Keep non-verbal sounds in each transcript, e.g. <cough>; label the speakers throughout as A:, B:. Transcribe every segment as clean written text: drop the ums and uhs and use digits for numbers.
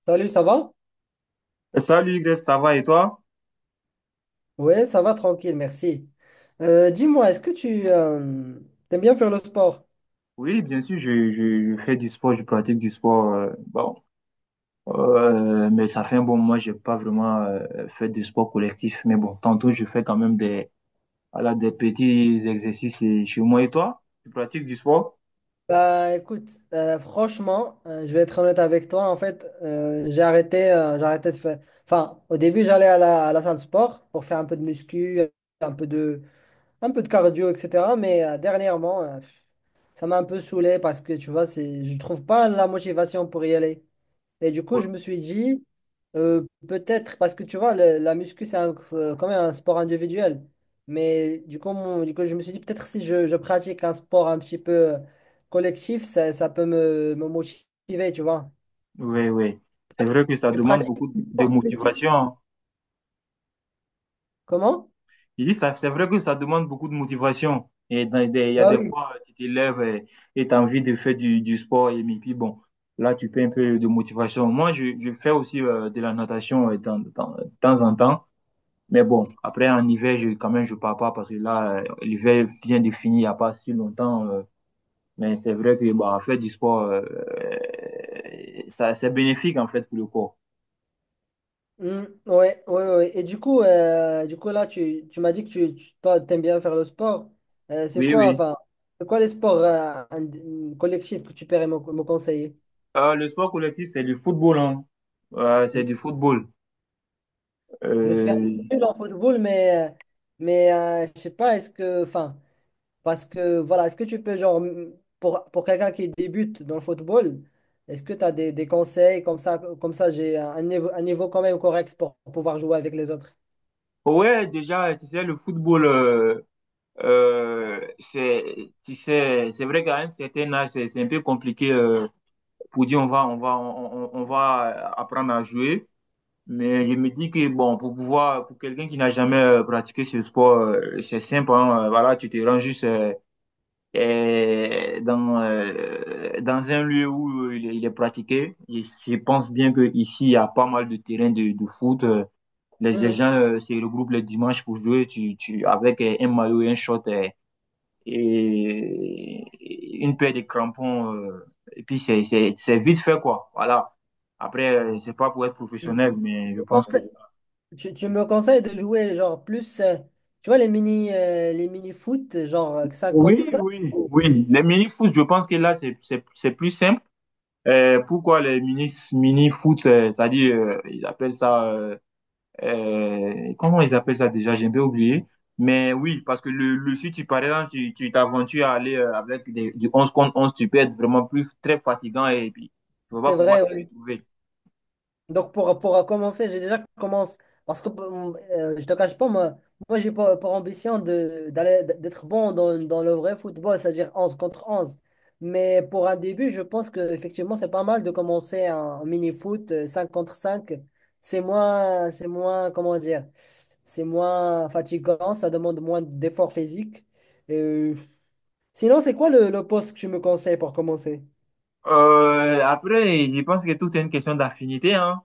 A: Salut, ça va?
B: Salut Greg, ça va et toi?
A: Ouais, ça va, tranquille, merci. Dis-moi, est-ce que tu t'aimes bien faire le sport?
B: Oui, bien sûr, je fais du sport, je pratique du sport. Bon, mais ça fait un bon moment, j'ai pas vraiment fait de sport collectif. Mais bon, tantôt, je fais quand même des, voilà, des petits exercices chez moi. Et toi? Tu pratiques du sport?
A: Bah écoute, franchement, je vais être honnête avec toi. En fait, j'ai arrêté de faire. Enfin, au début, j'allais à la salle de sport pour faire un peu de muscu, un peu de, un peu de cardio, etc. Mais dernièrement, ça m'a un peu saoulé parce que tu vois, c'est, je trouve pas la motivation pour y aller. Et du coup,
B: Oui,
A: je me suis dit, peut-être, parce que tu vois, la muscu, c'est quand même un sport individuel. Mais du coup, du coup, je me suis dit, peut-être si je pratique un sport un petit peu collectif, ça peut me motiver, tu vois.
B: oui. Oui. C'est vrai que ça
A: Tu
B: demande
A: pratiques
B: beaucoup
A: un
B: de
A: sport collectif?
B: motivation, hein.
A: Comment?
B: Je dis, ça, c'est vrai que ça demande beaucoup de motivation. Et il y a
A: Bah
B: des
A: oui.
B: fois, tu te lèves et tu as envie de faire du sport. Et mais puis, bon, là, tu peux un peu de motivation. Moi, je fais aussi de la natation de temps en temps. Mais bon, après, en hiver, je, quand même, je pars pas parce que là, l'hiver vient de finir il n'y a pas si longtemps. Mais c'est vrai que bah, faire du sport, ça, c'est bénéfique, en fait, pour le corps.
A: Mm, ouais, ouais, ouais. Et du coup là, tu m'as dit que tu toi, t'aimes bien faire le sport. C'est
B: Oui,
A: quoi,
B: oui.
A: enfin, c'est quoi les sports collectifs que tu pourrais me conseiller?
B: Le sport collectif, c'est du football, hein. C'est
A: Mmh.
B: du football.
A: Je suis un
B: Euh,
A: peu nul en football, mais je sais pas, est-ce que, enfin, parce que, voilà, est-ce que tu peux, genre, pour quelqu'un qui débute dans le football, est-ce que tu as des conseils comme ça, j'ai un niveau quand même correct pour pouvoir jouer avec les autres?
B: Ouais, déjà, tu sais, le football, c'est, tu sais, c'est vrai qu'à un certain âge, c'est un peu compliqué pour dire on va apprendre à jouer. Mais je me dis que bon, pour pouvoir, pour quelqu'un qui n'a jamais pratiqué ce sport, c'est simple, hein. Voilà, tu te rends juste dans un lieu où il est pratiqué. Et je pense bien que ici, il y a pas mal de terrains de foot. Les
A: Mhm.
B: gens se regroupent le dimanche pour jouer avec un maillot et un short et une paire de crampons. Et puis, c'est vite fait, quoi. Voilà. Après, c'est pas pour être professionnel, mais
A: Tu,
B: je pense que.
A: conseilles- tu me conseilles de jouer, genre, plus, tu vois, les mini foot, genre 5 contre
B: Oui,
A: 5?
B: oui, oui. Les mini-foot, je pense que là, c'est plus simple. Pourquoi les mini-foot, c'est-à-dire, ils appellent ça. Comment ils appellent ça déjà? J'ai un peu oublié. Mais oui, parce que le si tu, par exemple, tu t'aventures à aller avec du 11 contre 11 tu peux être vraiment plus très fatigant et puis tu vas pas
A: C'est
B: pouvoir
A: vrai,
B: te
A: ouais.
B: retrouver.
A: Donc pour commencer, j'ai déjà commencé parce que je te cache pas, moi, moi j'ai pour ambition de d'aller d'être bon dans, dans le vrai football, c'est-à-dire 11 contre 11. Mais pour un début, je pense que effectivement c'est pas mal de commencer en mini-foot 5 contre cinq. C'est moins, comment dire, c'est moins fatigant, ça demande moins d'efforts physiques. Et, sinon, c'est quoi le poste que tu me conseilles pour commencer?
B: Après, je pense que tout est une question d'affinité, hein.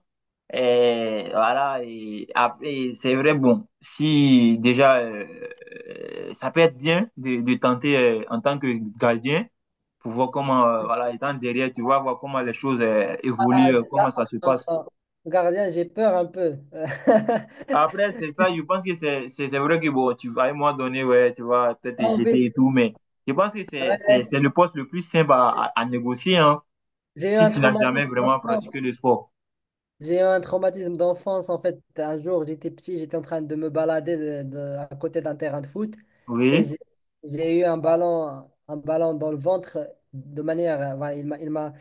B: Et voilà, et après, c'est vrai, bon, si déjà, ça peut être bien de tenter en tant que gardien pour voir comment, voilà, étant derrière, tu vois, voir comment les choses
A: Ah,
B: évoluent,
A: j'ai- ah,
B: comment ça se
A: attends,
B: passe.
A: attends. Gardien, j'ai peur un peu.
B: Après,
A: <laughs>
B: c'est ça, je pense que c'est vrai que bon, tu vas à un moment donné, ouais, tu vas peut-être te
A: En vrai,
B: jeter et tout, mais je pense que c'est le poste le plus simple à négocier, hein,
A: j'ai eu
B: si
A: un
B: tu n'as jamais
A: traumatisme
B: vraiment
A: d'enfance.
B: pratiqué le sport.
A: J'ai eu un traumatisme d'enfance. En fait, un jour, j'étais petit, j'étais en train de me balader à côté d'un terrain de foot et
B: Oui?
A: j'ai eu un ballon dans le ventre de manière. Voilà, il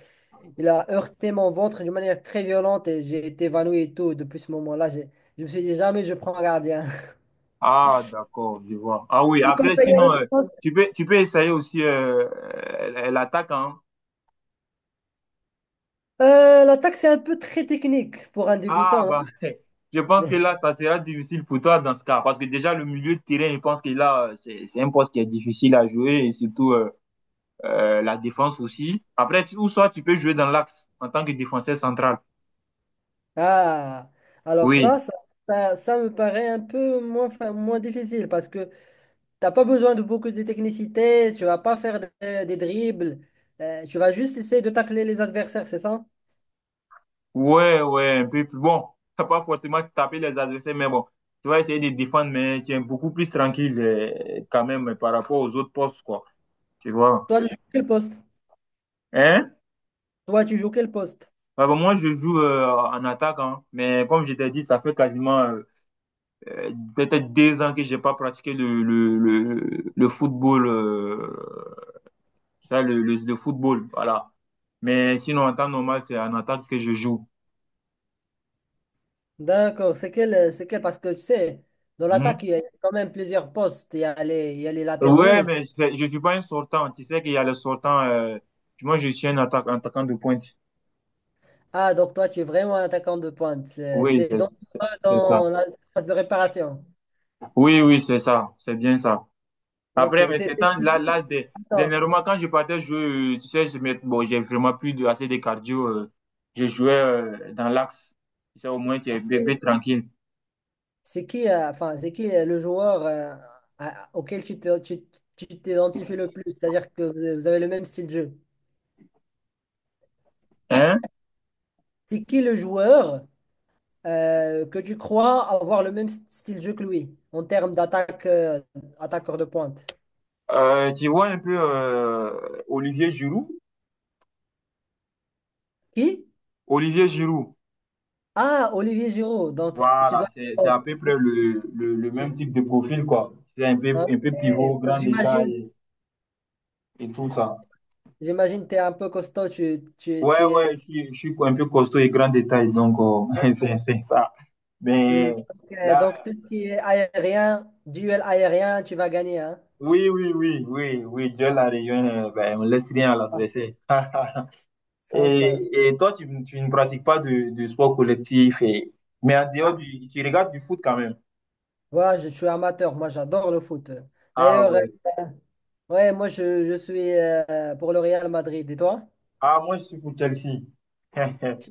A: il a heurté mon ventre d'une manière très violente et j'ai été évanoui et tout. Depuis ce moment-là, je me suis dit jamais je prends un gardien. <laughs>
B: Ah, d'accord, je vois. Ah oui,
A: Je vous
B: après,
A: conseille à la.
B: sinon, tu peux essayer aussi l'attaque, hein.
A: L'attaque, c'est un peu très technique pour un
B: Ah,
A: débutant.
B: bah, <laughs> je pense que
A: Hein.
B: là, ça sera difficile pour toi dans ce cas, parce que déjà, le milieu de terrain, je pense que là, c'est un poste qui est difficile à jouer, et surtout. La défense aussi. Après, ou soit tu peux jouer dans l'axe en tant que défenseur central.
A: <laughs> Ah, alors
B: Oui,
A: ça me paraît un peu moins, moins difficile parce que t'as pas besoin de beaucoup de technicité, tu vas pas faire des dribbles, tu vas juste essayer de tacler les adversaires, c'est ça?
B: ouais, ouais, un peu plus. Bon, <laughs> t'as pas forcément taper les adversaires, mais bon, tu vas essayer de défendre, mais tu es beaucoup plus tranquille quand même par rapport aux autres postes, quoi. Tu vois.
A: Toi, tu joues quel poste?
B: Hein?
A: Toi, tu joues quel poste?
B: Bah, bah, moi, je joue en attaque, hein. Mais comme je t'ai dit, ça fait quasiment peut-être 2 ans que j'ai pas pratiqué le football. Ça, le football, voilà. Mais sinon, en temps normal, c'est en attaque que je joue.
A: D'accord, c'est quel, c'est quel? Parce que tu sais, dans
B: Mhm.
A: l'attaque, il y a quand même plusieurs postes. Il y a les, il y a les
B: Ouais,
A: latéraux.
B: mais je suis pas un sortant. Tu sais qu'il y a le sortant. Moi, je suis un attaquant de pointe.
A: Ah, donc toi, tu es vraiment un attaquant de pointe.
B: Oui,
A: T'es
B: c'est
A: donc
B: c'est-
A: pas
B: c'est ça.
A: dans la phase de réparation.
B: Oui, oui, c'est ça. C'est bien ça.
A: Ok.
B: Après, mais ces
A: C'est
B: temps-là, là,
A: qui,
B: dé-
A: attends,
B: dernièrement, quand je partais jouer, tu sais, bon, j'ai vraiment assez de cardio. Je jouais dans l'axe. Tu sais, au moins, tu es bébé
A: c'est
B: tranquille.
A: c'est qui, enfin, c'est qui le joueur auquel tu t'identifies le plus? C'est-à-dire que vous vous avez le même style de jeu.
B: Hein?
A: C'est qui le joueur que tu crois avoir le même style de jeu que lui en termes d'attaque, attaqueur de pointe?
B: Tu vois un peu Olivier Giroud?
A: Qui?
B: Olivier Giroud,
A: Ah, Olivier Giroud. Donc, tu
B: voilà,
A: dois.
B: c'est à
A: Oh,
B: peu près le même
A: hein,
B: type de profil, quoi. C'est un peu,
A: ok.
B: un peu pivot,
A: Donc,
B: grand
A: j'imagine.
B: détail et tout ça.
A: J'imagine que tu es un peu costaud,
B: Ouais,
A: tu es.
B: ouais, je suis un peu costaud et grand détail, donc <laughs> c'est ça.
A: Hmm.
B: Mais là,
A: Donc, tout ce qui est aérien, duel aérien, tu vas gagner, hein?
B: oui, oui, oui, oui, oui, Dieu la réunion, ben, on laisse rien à
A: Ah,
B: l'adversaire. <laughs>
A: sympa.
B: Et toi, tu ne pratiques pas de sport collectif, mais en
A: Ah,
B: dehors tu regardes du foot quand même.
A: voilà, je suis amateur, moi j'adore le foot.
B: Ah
A: D'ailleurs,
B: ouais.
A: ouais, je suis pour le Real Madrid. Et toi?
B: Ah, moi, je suis pour Chelsea.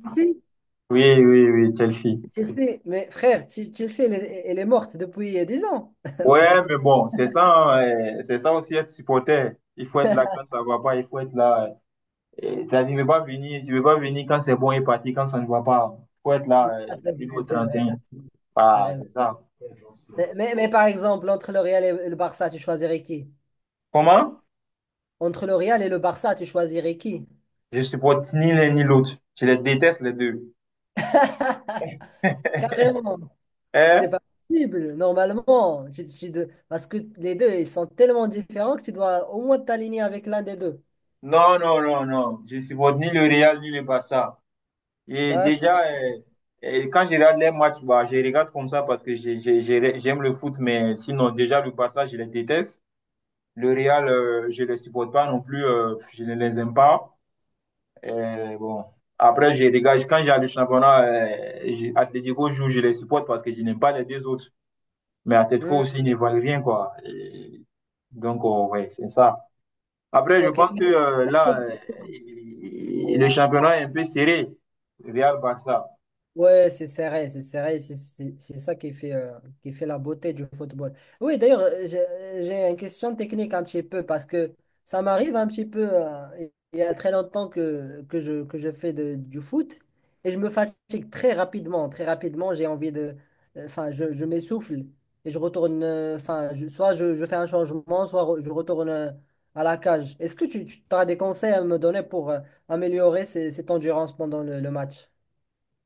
B: <laughs> Oui, oui, oui, Chelsea.
A: Chelsea, mais frère, Chelsea, elle est morte depuis 10 ans.
B: Ouais, mais
A: <laughs>
B: bon, c'est ça, hein, c'est ça aussi être supporter. Il faut être là quand ça va pas, il faut être là. T'as dit, tu ne veux pas venir, tu veux pas venir quand c'est bon et partir quand ça ne va pas. Il faut être là
A: Ah,
B: du
A: c'est
B: 1er
A: vrai,
B: au
A: c'est vrai,
B: 31.
A: t'as
B: Ah,
A: raison.
B: c'est ça.
A: Mais par exemple, entre le Real et le Barça, tu choisirais qui?
B: Comment?
A: Entre le Real et le Barça, tu choisirais qui?
B: Je supporte ni l'un ni l'autre. Je les déteste les deux.
A: <laughs> Carrément, c'est
B: Hein?
A: pas possible, normalement. Parce que les deux, ils sont tellement différents que tu dois au moins t'aligner avec l'un des deux.
B: Non, non, non, non. Je supporte ni le Real ni le Barça. Et déjà,
A: D'accord.
B: quand je regarde les matchs, bah, je regarde comme ça parce que j'aime le foot, mais sinon, déjà, le Barça, je les déteste. Le Real, je ne les supporte pas non plus, je ne les aime pas. Bon. Après, je regarde, quand j'ai le championnat, Atlético joue, je les supporte parce que je n'aime pas les deux autres. Mais Atlético
A: Hmm,
B: aussi ils ne valent rien, quoi. Et donc, ouais, c'est ça. Après, je
A: ok.
B: pense que là, le championnat est un peu serré, Real-Barça.
A: Ouais, c'est serré, c'est serré, c'est ça qui fait la beauté du football. Oui, d'ailleurs, j'ai une question technique un petit peu parce que ça m'arrive un petit peu, il y a très longtemps que, que je fais du foot et je me fatigue très rapidement, j'ai envie de, enfin, je m'essouffle et je retourne, enfin, soit je fais un changement, soit je retourne à la cage. Est-ce que tu as des conseils à me donner pour améliorer cette endurance pendant le match?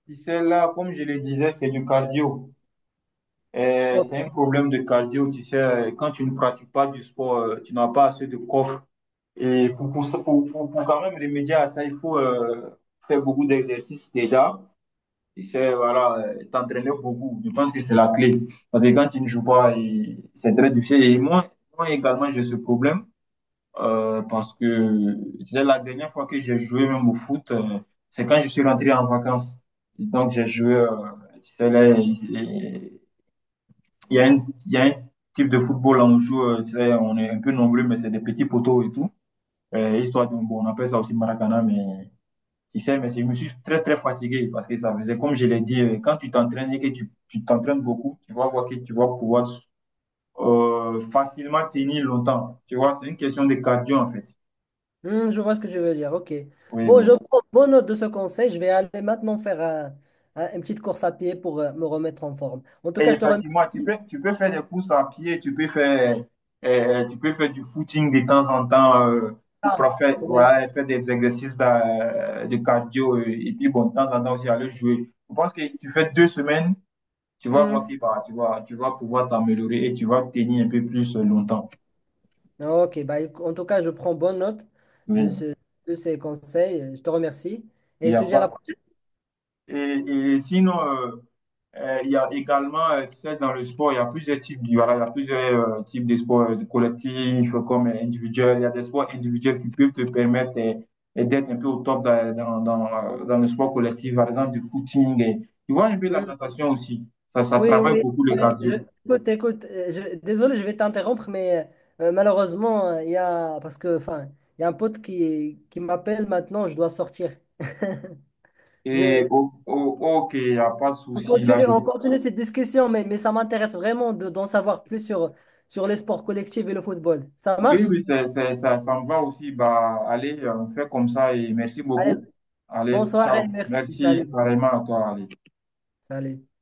B: Tu sais, là, comme je le disais, c'est du cardio. C'est un problème de cardio. Tu sais, quand tu ne pratiques pas du sport, tu n'as pas assez de coffre. Et pour quand même remédier à ça, il faut faire beaucoup d'exercices déjà. Tu sais, voilà, t'entraîner beaucoup. Je pense que c'est la clé. Parce que quand tu ne joues pas, et c'est très difficile. Et moi, moi également, j'ai ce problème. Parce que tu sais, la dernière fois que j'ai joué même au foot, c'est quand je suis rentré en vacances. Et donc j'ai joué, tu sais, là, il y a un type de football là, on joue, tu sais, on est un peu nombreux, mais c'est des petits poteaux et tout. Histoire de, bon, on appelle ça aussi Maracana, mais tu sais, je me suis très très fatigué parce que ça faisait, comme je l'ai dit, quand tu t'entraînes et que tu t'entraînes beaucoup, tu vas voir que tu vas pouvoir facilement tenir longtemps. Tu vois, c'est une question de cardio en fait.
A: Hmm, je vois ce que je veux dire. OK.
B: Oui,
A: Bon, je
B: oui.
A: prends bonne note de ce conseil. Je vais aller maintenant faire une petite course à pied pour me remettre en forme. En tout
B: Et
A: cas, je te remercie.
B: effectivement, tu peux faire des courses à pied, tu peux faire du footing de temps en temps ou
A: Ah,
B: pour faire,
A: ouais.
B: voilà, faire des exercices de cardio et puis bon, de temps en temps aussi aller jouer. Je pense que tu fais 2 semaines, tu vas voir
A: Hmm.
B: qui va, tu vas pouvoir t'améliorer et tu vas tenir un peu plus longtemps.
A: OK. Bah, en tout cas, je prends bonne note de
B: Oui.
A: ce- de ces conseils. Je te remercie
B: Il
A: et
B: y
A: je
B: a
A: te dis à la
B: pas...
A: prochaine.
B: Et, et sinon, il y a également, tu sais, dans le sport, il y a plusieurs types, voilà, il y a plusieurs types de sports collectifs comme individuels. Il y a des sports individuels qui peuvent te permettre d'être un peu au top dans le sport collectif, par exemple du footing. Et, tu vois un peu la
A: Hmm.
B: natation aussi. Ça
A: Oui,
B: travaille
A: oui,
B: beaucoup le
A: ouais,
B: cardio.
A: écoute, écoute, désolé, je vais t'interrompre, mais malheureusement, il y a, parce que, enfin, il y a un pote qui m'appelle maintenant, je dois sortir.
B: Et
A: Je,
B: ok, il n'y a pas de souci là. Je...
A: on continue cette discussion, mais ça m'intéresse vraiment de, d'en savoir plus sur, sur les sports collectifs et le football. Ça
B: Oui,
A: marche?
B: oui, ça, ça me va aussi. Bah, allez, on fait comme ça et merci
A: Allez,
B: beaucoup.
A: bonne
B: Allez, ciao.
A: soirée, merci,
B: Merci
A: salut,
B: vraiment à toi, allez.
A: salut.